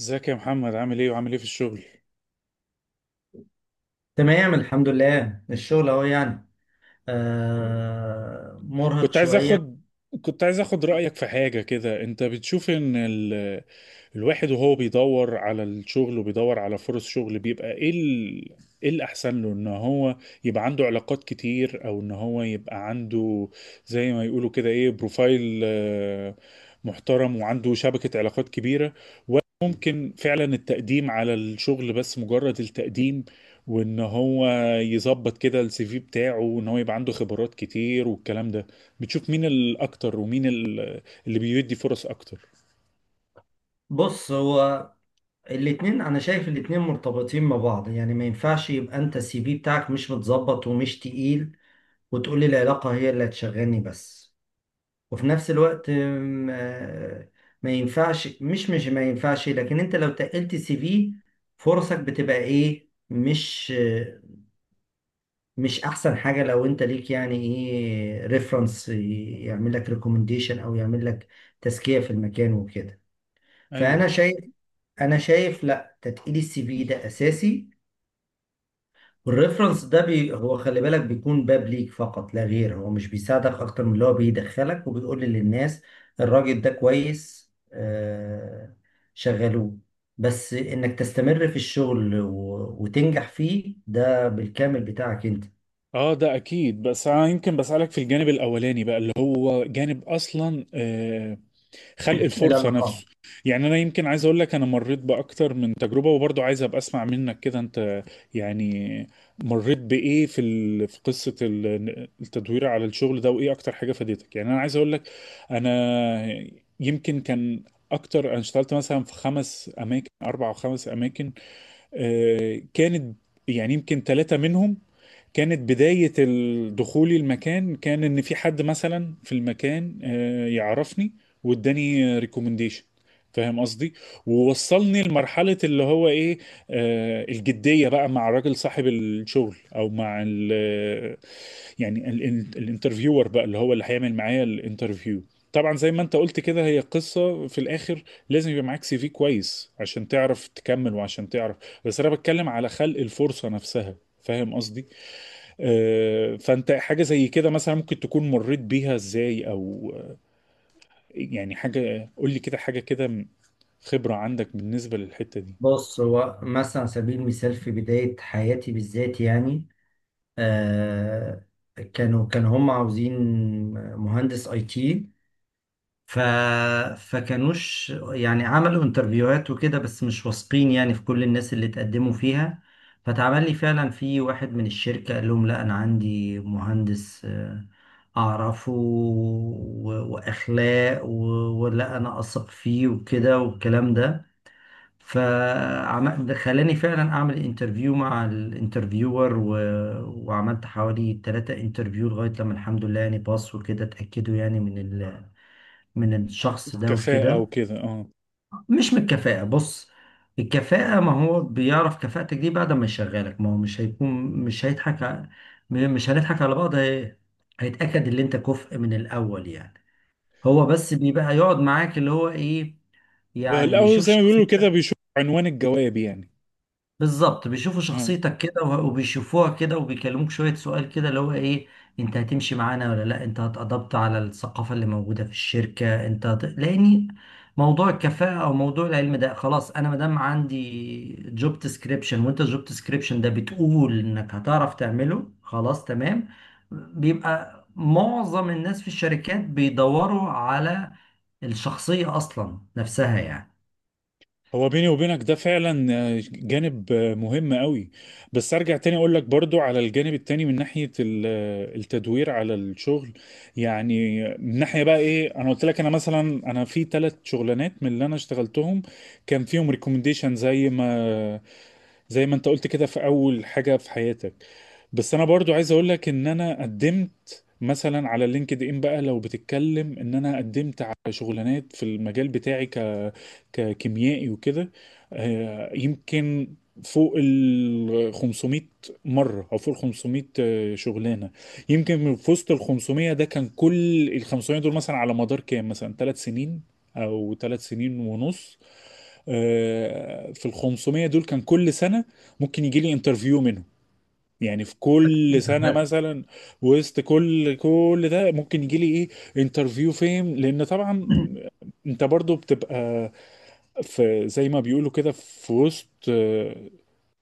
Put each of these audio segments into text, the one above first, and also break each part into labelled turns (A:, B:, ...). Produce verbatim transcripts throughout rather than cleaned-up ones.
A: ازيك يا محمد، عامل ايه وعامل ايه في الشغل؟
B: تمام، الحمد لله. الشغل اهو يعني، آه مرهق
A: كنت عايز
B: شوية.
A: اخد كنت عايز اخد رأيك في حاجة كده. انت بتشوف ان ال... الواحد وهو بيدور على الشغل وبيدور على فرص شغل بيبقى ايه ال... ايه الاحسن له؟ ان هو يبقى عنده علاقات كتير، او ان هو يبقى عنده زي ما يقولوا كده ايه، بروفايل آه، محترم وعنده شبكة علاقات كبيرة، ولا ممكن فعلا التقديم على الشغل، بس مجرد التقديم وان هو يظبط كده السي في بتاعه وان هو يبقى عنده خبرات كتير والكلام ده. بتشوف مين الاكتر ومين ال- اللي بيدي فرص اكتر؟
B: بص، هو الاتنين، انا شايف الاتنين مرتبطين ببعض. يعني ما ينفعش يبقى انت السي في بتاعك مش متظبط ومش تقيل، وتقولي العلاقة هي اللي هتشغلني بس. وفي نفس الوقت آم، آه، ما ينفعش، مش مش ما ينفعش. لكن انت لو تقلت السي في، فرصك بتبقى ايه؟ مش مش احسن حاجه لو انت ليك يعني ايه ريفرنس يعمل لك ريكومنديشن او يعمل لك تزكيه في المكان وكده.
A: ايوه.
B: فانا شايف انا شايف، لا، تتقيل السي في ده اساسي. والريفرنس ده بي هو، خلي بالك، بيكون باب ليك فقط لا غير. هو مش بيساعدك اكتر من اللي هو بيدخلك وبيقول للناس الراجل ده كويس، آه شغلوه. بس انك تستمر في الشغل و- وتنجح فيه ده بالكامل بتاعك انت.
A: اه ده اكيد، بس انا يمكن بسألك في الجانب الاولاني بقى اللي هو جانب اصلا آه، خلق الفرصة
B: العلاقات.
A: نفسه. يعني انا يمكن عايز اقول لك، انا مريت باكتر من تجربة وبرضه عايز ابقى اسمع منك كده. انت يعني مريت بايه في ال... في قصة ال- التدوير على الشغل ده؟ وايه اكتر حاجة فادتك؟ يعني انا عايز اقول لك، انا يمكن كان اكتر، انا اشتغلت مثلا في خمس اماكن، اربع او خمس اماكن. آه، كانت يعني يمكن ثلاثة منهم كانت بداية ال- دخولي المكان، كان ان في حد مثلا في المكان آه، يعرفني واداني ريكومنديشن. فاهم قصدي؟ ووصلني لمرحلة اللي هو ايه، آه الجدية بقى مع الراجل صاحب الشغل، او مع ال يعني ال- ال- الانترفيور بقى اللي هو اللي هيعمل معايا الانترفيو. طبعا زي ما انت قلت كده، هي قصة في الاخر لازم يبقى معاك سي في كويس عشان تعرف تكمل وعشان تعرف. بس انا بتكلم على خلق الفرصة نفسها. فاهم قصدي؟ آه، فانت حاجه زي كده مثلا ممكن تكون مريت بيها ازاي؟ او آه، يعني حاجه قول لي كده، حاجه كده، خبره عندك بالنسبه للحته دي.
B: بص، هو مثلا على سبيل المثال في بداية حياتي بالذات يعني، آه، كانوا كانوا هم عاوزين مهندس اي تي. ف فكانوش يعني عملوا انترفيوهات وكده، بس مش واثقين يعني في كل الناس اللي اتقدموا فيها. فتعمل لي فعلا في واحد من الشركة قال لهم لا، انا عندي مهندس، آه، اعرفه و- واخلاق و- ولا انا اثق فيه وكده والكلام ده. فخلاني فعلا اعمل انترفيو مع الانترفيور، و... وعملت حوالي ثلاثة انترفيو لغاية لما الحمد لله يعني باص وكده، اتأكدوا يعني من ال... من الشخص ده
A: كفاءه
B: وكده.
A: وكده، اه.
B: مش من الكفاءة، بص، الكفاءة ما هو بيعرف كفاءتك دي بعد ما يشغلك، ما هو مش هيكون، مش هيضحك ع- م- مش هنضحك على بعض. هي... هيتأكد ان انت كفء من الاول يعني. هو بس بيبقى يقعد معاك اللي هو ايه، يعني
A: الاول
B: بيشوف
A: زي ما بيقولوا كده
B: شخصيتك.
A: بيشوف عنوان الجواب، يعني.
B: بالظبط، بيشوفوا شخصيتك كده، و- وبيشوفوها كده، وبيكلموك شوية سؤال كده اللي هو ايه، انت هتمشي معانا ولا لا، انت هتأدبت على الثقافة اللي موجودة في الشركة؟ انت هت... لاني موضوع الكفاءة او موضوع العلم ده خلاص، انا مادام عندي جوب ديسكريبشن وانت الجوب ديسكريبشن ده بتقول انك هتعرف تعمله، خلاص تمام. بيبقى معظم الناس في الشركات بيدوروا على الشخصية اصلا نفسها يعني.
A: هو بيني وبينك ده فعلا آه، جانب آه، مهم قوي. بس ارجع تاني اقول لك برضو على الجانب التاني، من ناحية ال- آه، التدوير على الشغل. يعني من ناحية بقى ايه، انا قلت لك انا مثلا، انا في ثلاث شغلانات من اللي انا اشتغلتهم كان فيهم ريكومنديشن، زي ما زي ما انت قلت كده في اول حاجة في حياتك. بس انا برضو عايز اقول لك ان انا قدمت مثلا على لينكد ان. بقى لو بتتكلم ان انا قدمت على شغلانات في المجال بتاعي ك ككيميائي وكده، آه، يمكن فوق ال خمسمية مرة، او فوق ال خمسمية آه، شغلانة. يمكن من في وسط ال خمسمية ده كان كل ال خمسمية دول مثلا على مدار كام، مثلا ثلاث سنين او ثلاث سنين ونص. آه، في ال خمسمية دول كان كل سنة ممكن يجي لي انترفيو، يعني في كل سنة مثلا. وسط كل كل ده ممكن يجي لي ايه، انترفيو فين؟ لان طبعا انت برضو بتبقى في، زي ما بيقولوا كده، في وسط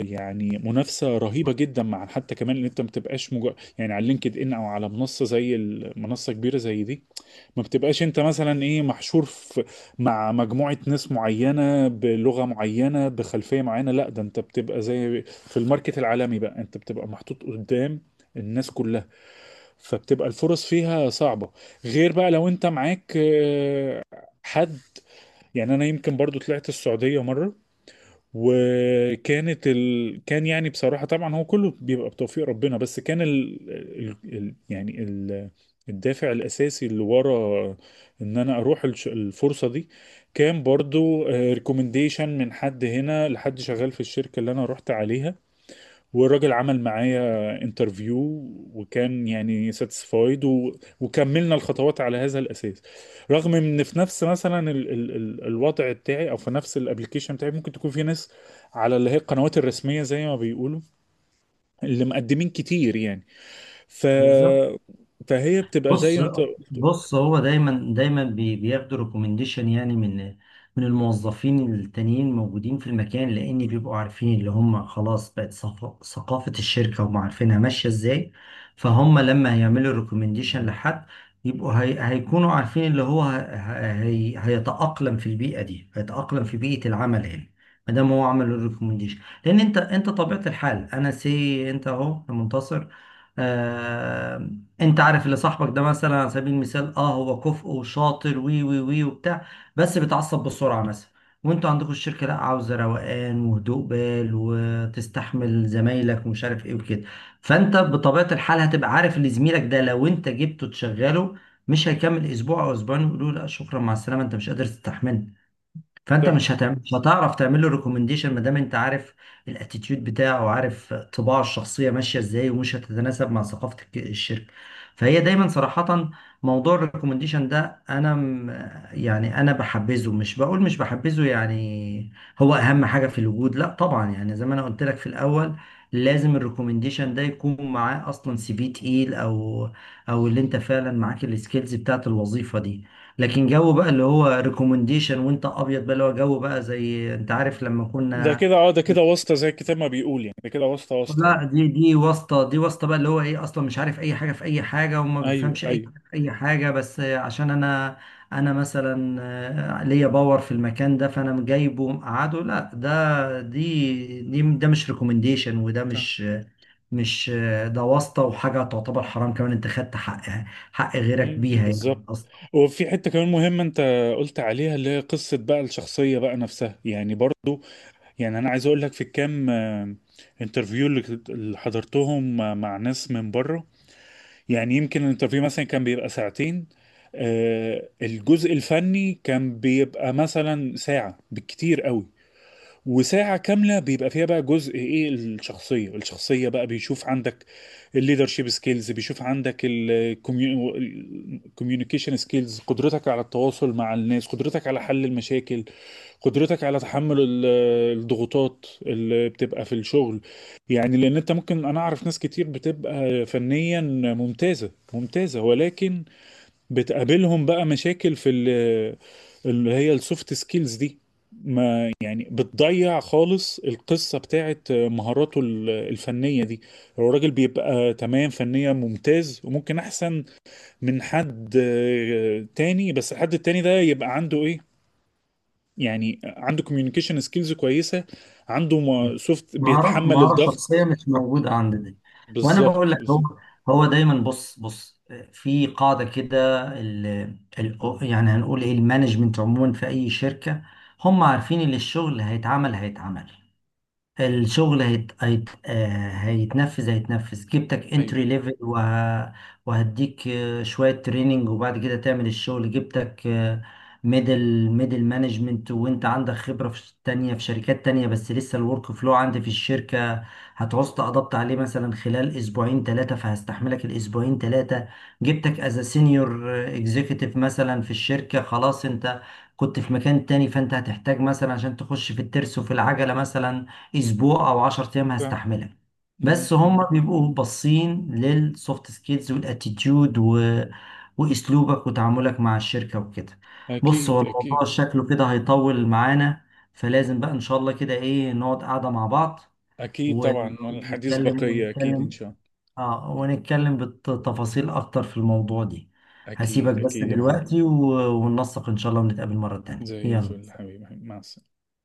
A: يعني منافسة رهيبة جدا، مع حتى كمان ان انت ما بتبقاش مجرد يعني على لينكد ان او على منصة زي المنصة كبيرة زي دي. ما بتبقاش انت مثلا ايه، محشور في مع مجموعة ناس معينة بلغة معينة بخلفية معينة. لا، ده انت بتبقى زي في الماركت العالمي بقى، انت بتبقى محطوط قدام الناس كلها. فبتبقى الفرص فيها صعبة، غير بقى لو انت معاك آه، حد. يعني انا يمكن برضو طلعت السعودية مرة، وكانت ال... كان يعني بصراحة طبعا هو كله بيبقى بتوفيق ربنا، بس كان ال... ال... ال... يعني ال... الدافع الأساسي اللي ورا إن أنا أروح الش... الفرصة دي كان برضو ريكومنديشن من حد هنا لحد شغال في الشركة اللي أنا رحت عليها. والراجل عمل معايا انترفيو، وكان يعني ساتسفايد، و... وكملنا الخطوات على هذا الاساس. رغم ان في نفس مثلا ال... ال... ال... الوضع بتاعي، او في نفس الابلكيشن بتاعي، ممكن تكون في ناس على اللي هي القنوات الرسميه زي ما بيقولوا اللي مقدمين كتير يعني. ف
B: بالظبط.
A: فهي بتبقى زي
B: بص
A: ما انت قلت-
B: بص هو دايما دايما بي- بياخدوا ريكومنديشن، يعني من من الموظفين التانيين موجودين في المكان، لان بيبقوا عارفين اللي هم خلاص بقت ثق- ثقافة الشركة، هم عارفينها ماشية ازاي. فهم لما هيعملوا ريكومنديشن لحد، يبقوا هي هيكونوا عارفين اللي هو ه- ه- هي هيتأقلم في البيئة دي، هيتأقلم في بيئة العمل هنا ما دام هو عمل الريكومنديشن. لان انت انت طبيعة الحال، انا سي انت اهو يا منتصر، آه، انت عارف اللي صاحبك ده مثلا على سبيل المثال، اه هو كفء وشاطر وي وي وي وبتاع، بس بيتعصب بسرعه مثلا، وانتوا عندكم الشركه لا، عاوزه روقان وهدوء بال وتستحمل زمايلك ومش عارف ايه وكده. فانت بطبيعه الحال هتبقى عارف ان زميلك ده لو انت جبته تشغله مش هيكمل اسبوع او اسبوعين، ويقولوا له لا شكرا مع السلامه، انت مش قادر تستحمله. فانت
A: صح.
B: مش هتعمل، مش هتعرف تعمل له ريكومنديشن، ما دام انت عارف الاتيتيود بتاعه وعارف طباعه الشخصيه ماشيه ازاي، ومش هتتناسب مع ثقافه الك- الشركه. فهي دايما صراحه، موضوع الريكومنديشن ده، انا م- يعني انا بحبذه، مش بقول مش بحبذه يعني هو اهم حاجه في الوجود، لا طبعا. يعني زي ما انا قلت لك في الاول، لازم الريكومنديشن ده يكون معاه اصلا سي في تقيل، او او اللي انت فعلا معاك السكيلز بتاعت الوظيفه دي. لكن جو بقى اللي هو ريكومنديشن وانت ابيض بقى اللي هو جو بقى زي انت عارف لما
A: ده
B: كنا،
A: كده اه، ده كده واسطه زي الكتاب ما بيقول، يعني ده كده واسطه واسطه
B: لا،
A: يعني.
B: دي دي واسطه. دي واسطه بقى اللي هو ايه اصلا مش عارف اي حاجه في اي حاجه، وما
A: ايوه،
B: بيفهمش اي
A: ايوه.
B: حاجه في اي حاجه، بس عشان انا، انا مثلا آه، ليا باور في المكان ده فانا جايبه مقعده، لا ده، دي دي ده مش ريكومنديشن، وده مش مش، آه، ده واسطه وحاجه تعتبر حرام كمان، انت خدت حق، حق غيرك
A: مم،
B: بيها يعني.
A: بالظبط. وفي حتة كمان مهمة انت قلت عليها، اللي هي قصة بقى الشخصية بقى نفسها يعني، برضو يعني انا عايز اقول لك في الكام آه، انترفيو اللي كنت- اللي حضرتهم مع مع ناس من بره. يعني يمكن الانترفيو مثلا كان بيبقى ساعتين. آه، الجزء الفني كان بيبقى مثلا ساعة بالكتير قوي، وساعة كاملة بيبقى فيها بقى جزء ايه، الشخصية. الشخصية بقى بيشوف عندك الليدرشيب سكيلز، بيشوف عندك الكوميونيكيشن سكيلز، قدرتك على التواصل مع الناس، قدرتك على حل المشاكل، قدرتك على تحمل ال- الضغوطات اللي بتبقى في الشغل. يعني لان انت ممكن، انا اعرف ناس كتير بتبقى فنيا ممتازة ممتازة، ولكن بتقابلهم بقى مشاكل في ال- اللي هي السوفت سكيلز دي. ما يعني بتضيع خالص القصة بتاعت مهاراته ال- الفنية دي. هو الراجل بيبقى تمام فنيا، ممتاز، وممكن أحسن من حد آه، تاني. بس الحد التاني ده يبقى عنده إيه، يعني عنده كوميونيكيشن سكيلز كويسة، عنده سوفت،
B: مهارة
A: بيتحمل
B: مهارة شخصية
A: الضغط.
B: مش موجودة عند دي. وأنا بقول
A: بالظبط،
B: لك هو،
A: بالظبط.
B: هو دايما، بص بص، في قاعدة كده، ال ال يعني هنقول إيه، المانجمنت عموما في أي شركة هم عارفين اللي الشغل هيتعمل هيتعمل، الشغل هيت... هيت... آه، هيتنفذ هيتنفذ، جبتك
A: أيوه.
B: انتري ليفل، وه... وهديك آه، شوية تريننج وبعد كده تعمل الشغل. جبتك ميدل ميدل مانجمنت وانت عندك خبرة في تانية في شركات تانية، بس لسه الورك فلو عندي في الشركة، هتعوز تقضبط عليه مثلا خلال اسبوعين ثلاثة، فهستحملك الاسبوعين ثلاثة. جبتك از سينيور اكزيكتيف مثلا في الشركة، خلاص انت كنت في مكان تاني، فانت هتحتاج مثلا عشان تخش في الترس وفي العجلة مثلا اسبوع او عشرة ايام،
A: صح.
B: هستحملها.
A: م-
B: بس
A: م.
B: هم بيبقوا باصين للسوفت سكيلز والاتيتيود و... واسلوبك وتعاملك مع الشركه وكده. بص، هو
A: أكيد
B: الموضوع
A: أكيد.
B: شكله كده هيطول معانا، فلازم بقى ان شاء الله كده ايه نقعد قاعده مع بعض
A: أكيد
B: و-
A: طبعا، والحديث
B: ونتكلم
A: بقية أكيد إن
B: ونتكلم،
A: شاء الله.
B: اه ونتكلم بالتفاصيل اكتر في الموضوع دي. هسيبك
A: أكيد
B: بس
A: أكيد يا محمد.
B: دلوقتي و... وننسق ان شاء الله ونتقابل مره تانية،
A: زي الفل
B: يلا.
A: حبيبي. مع السلامة.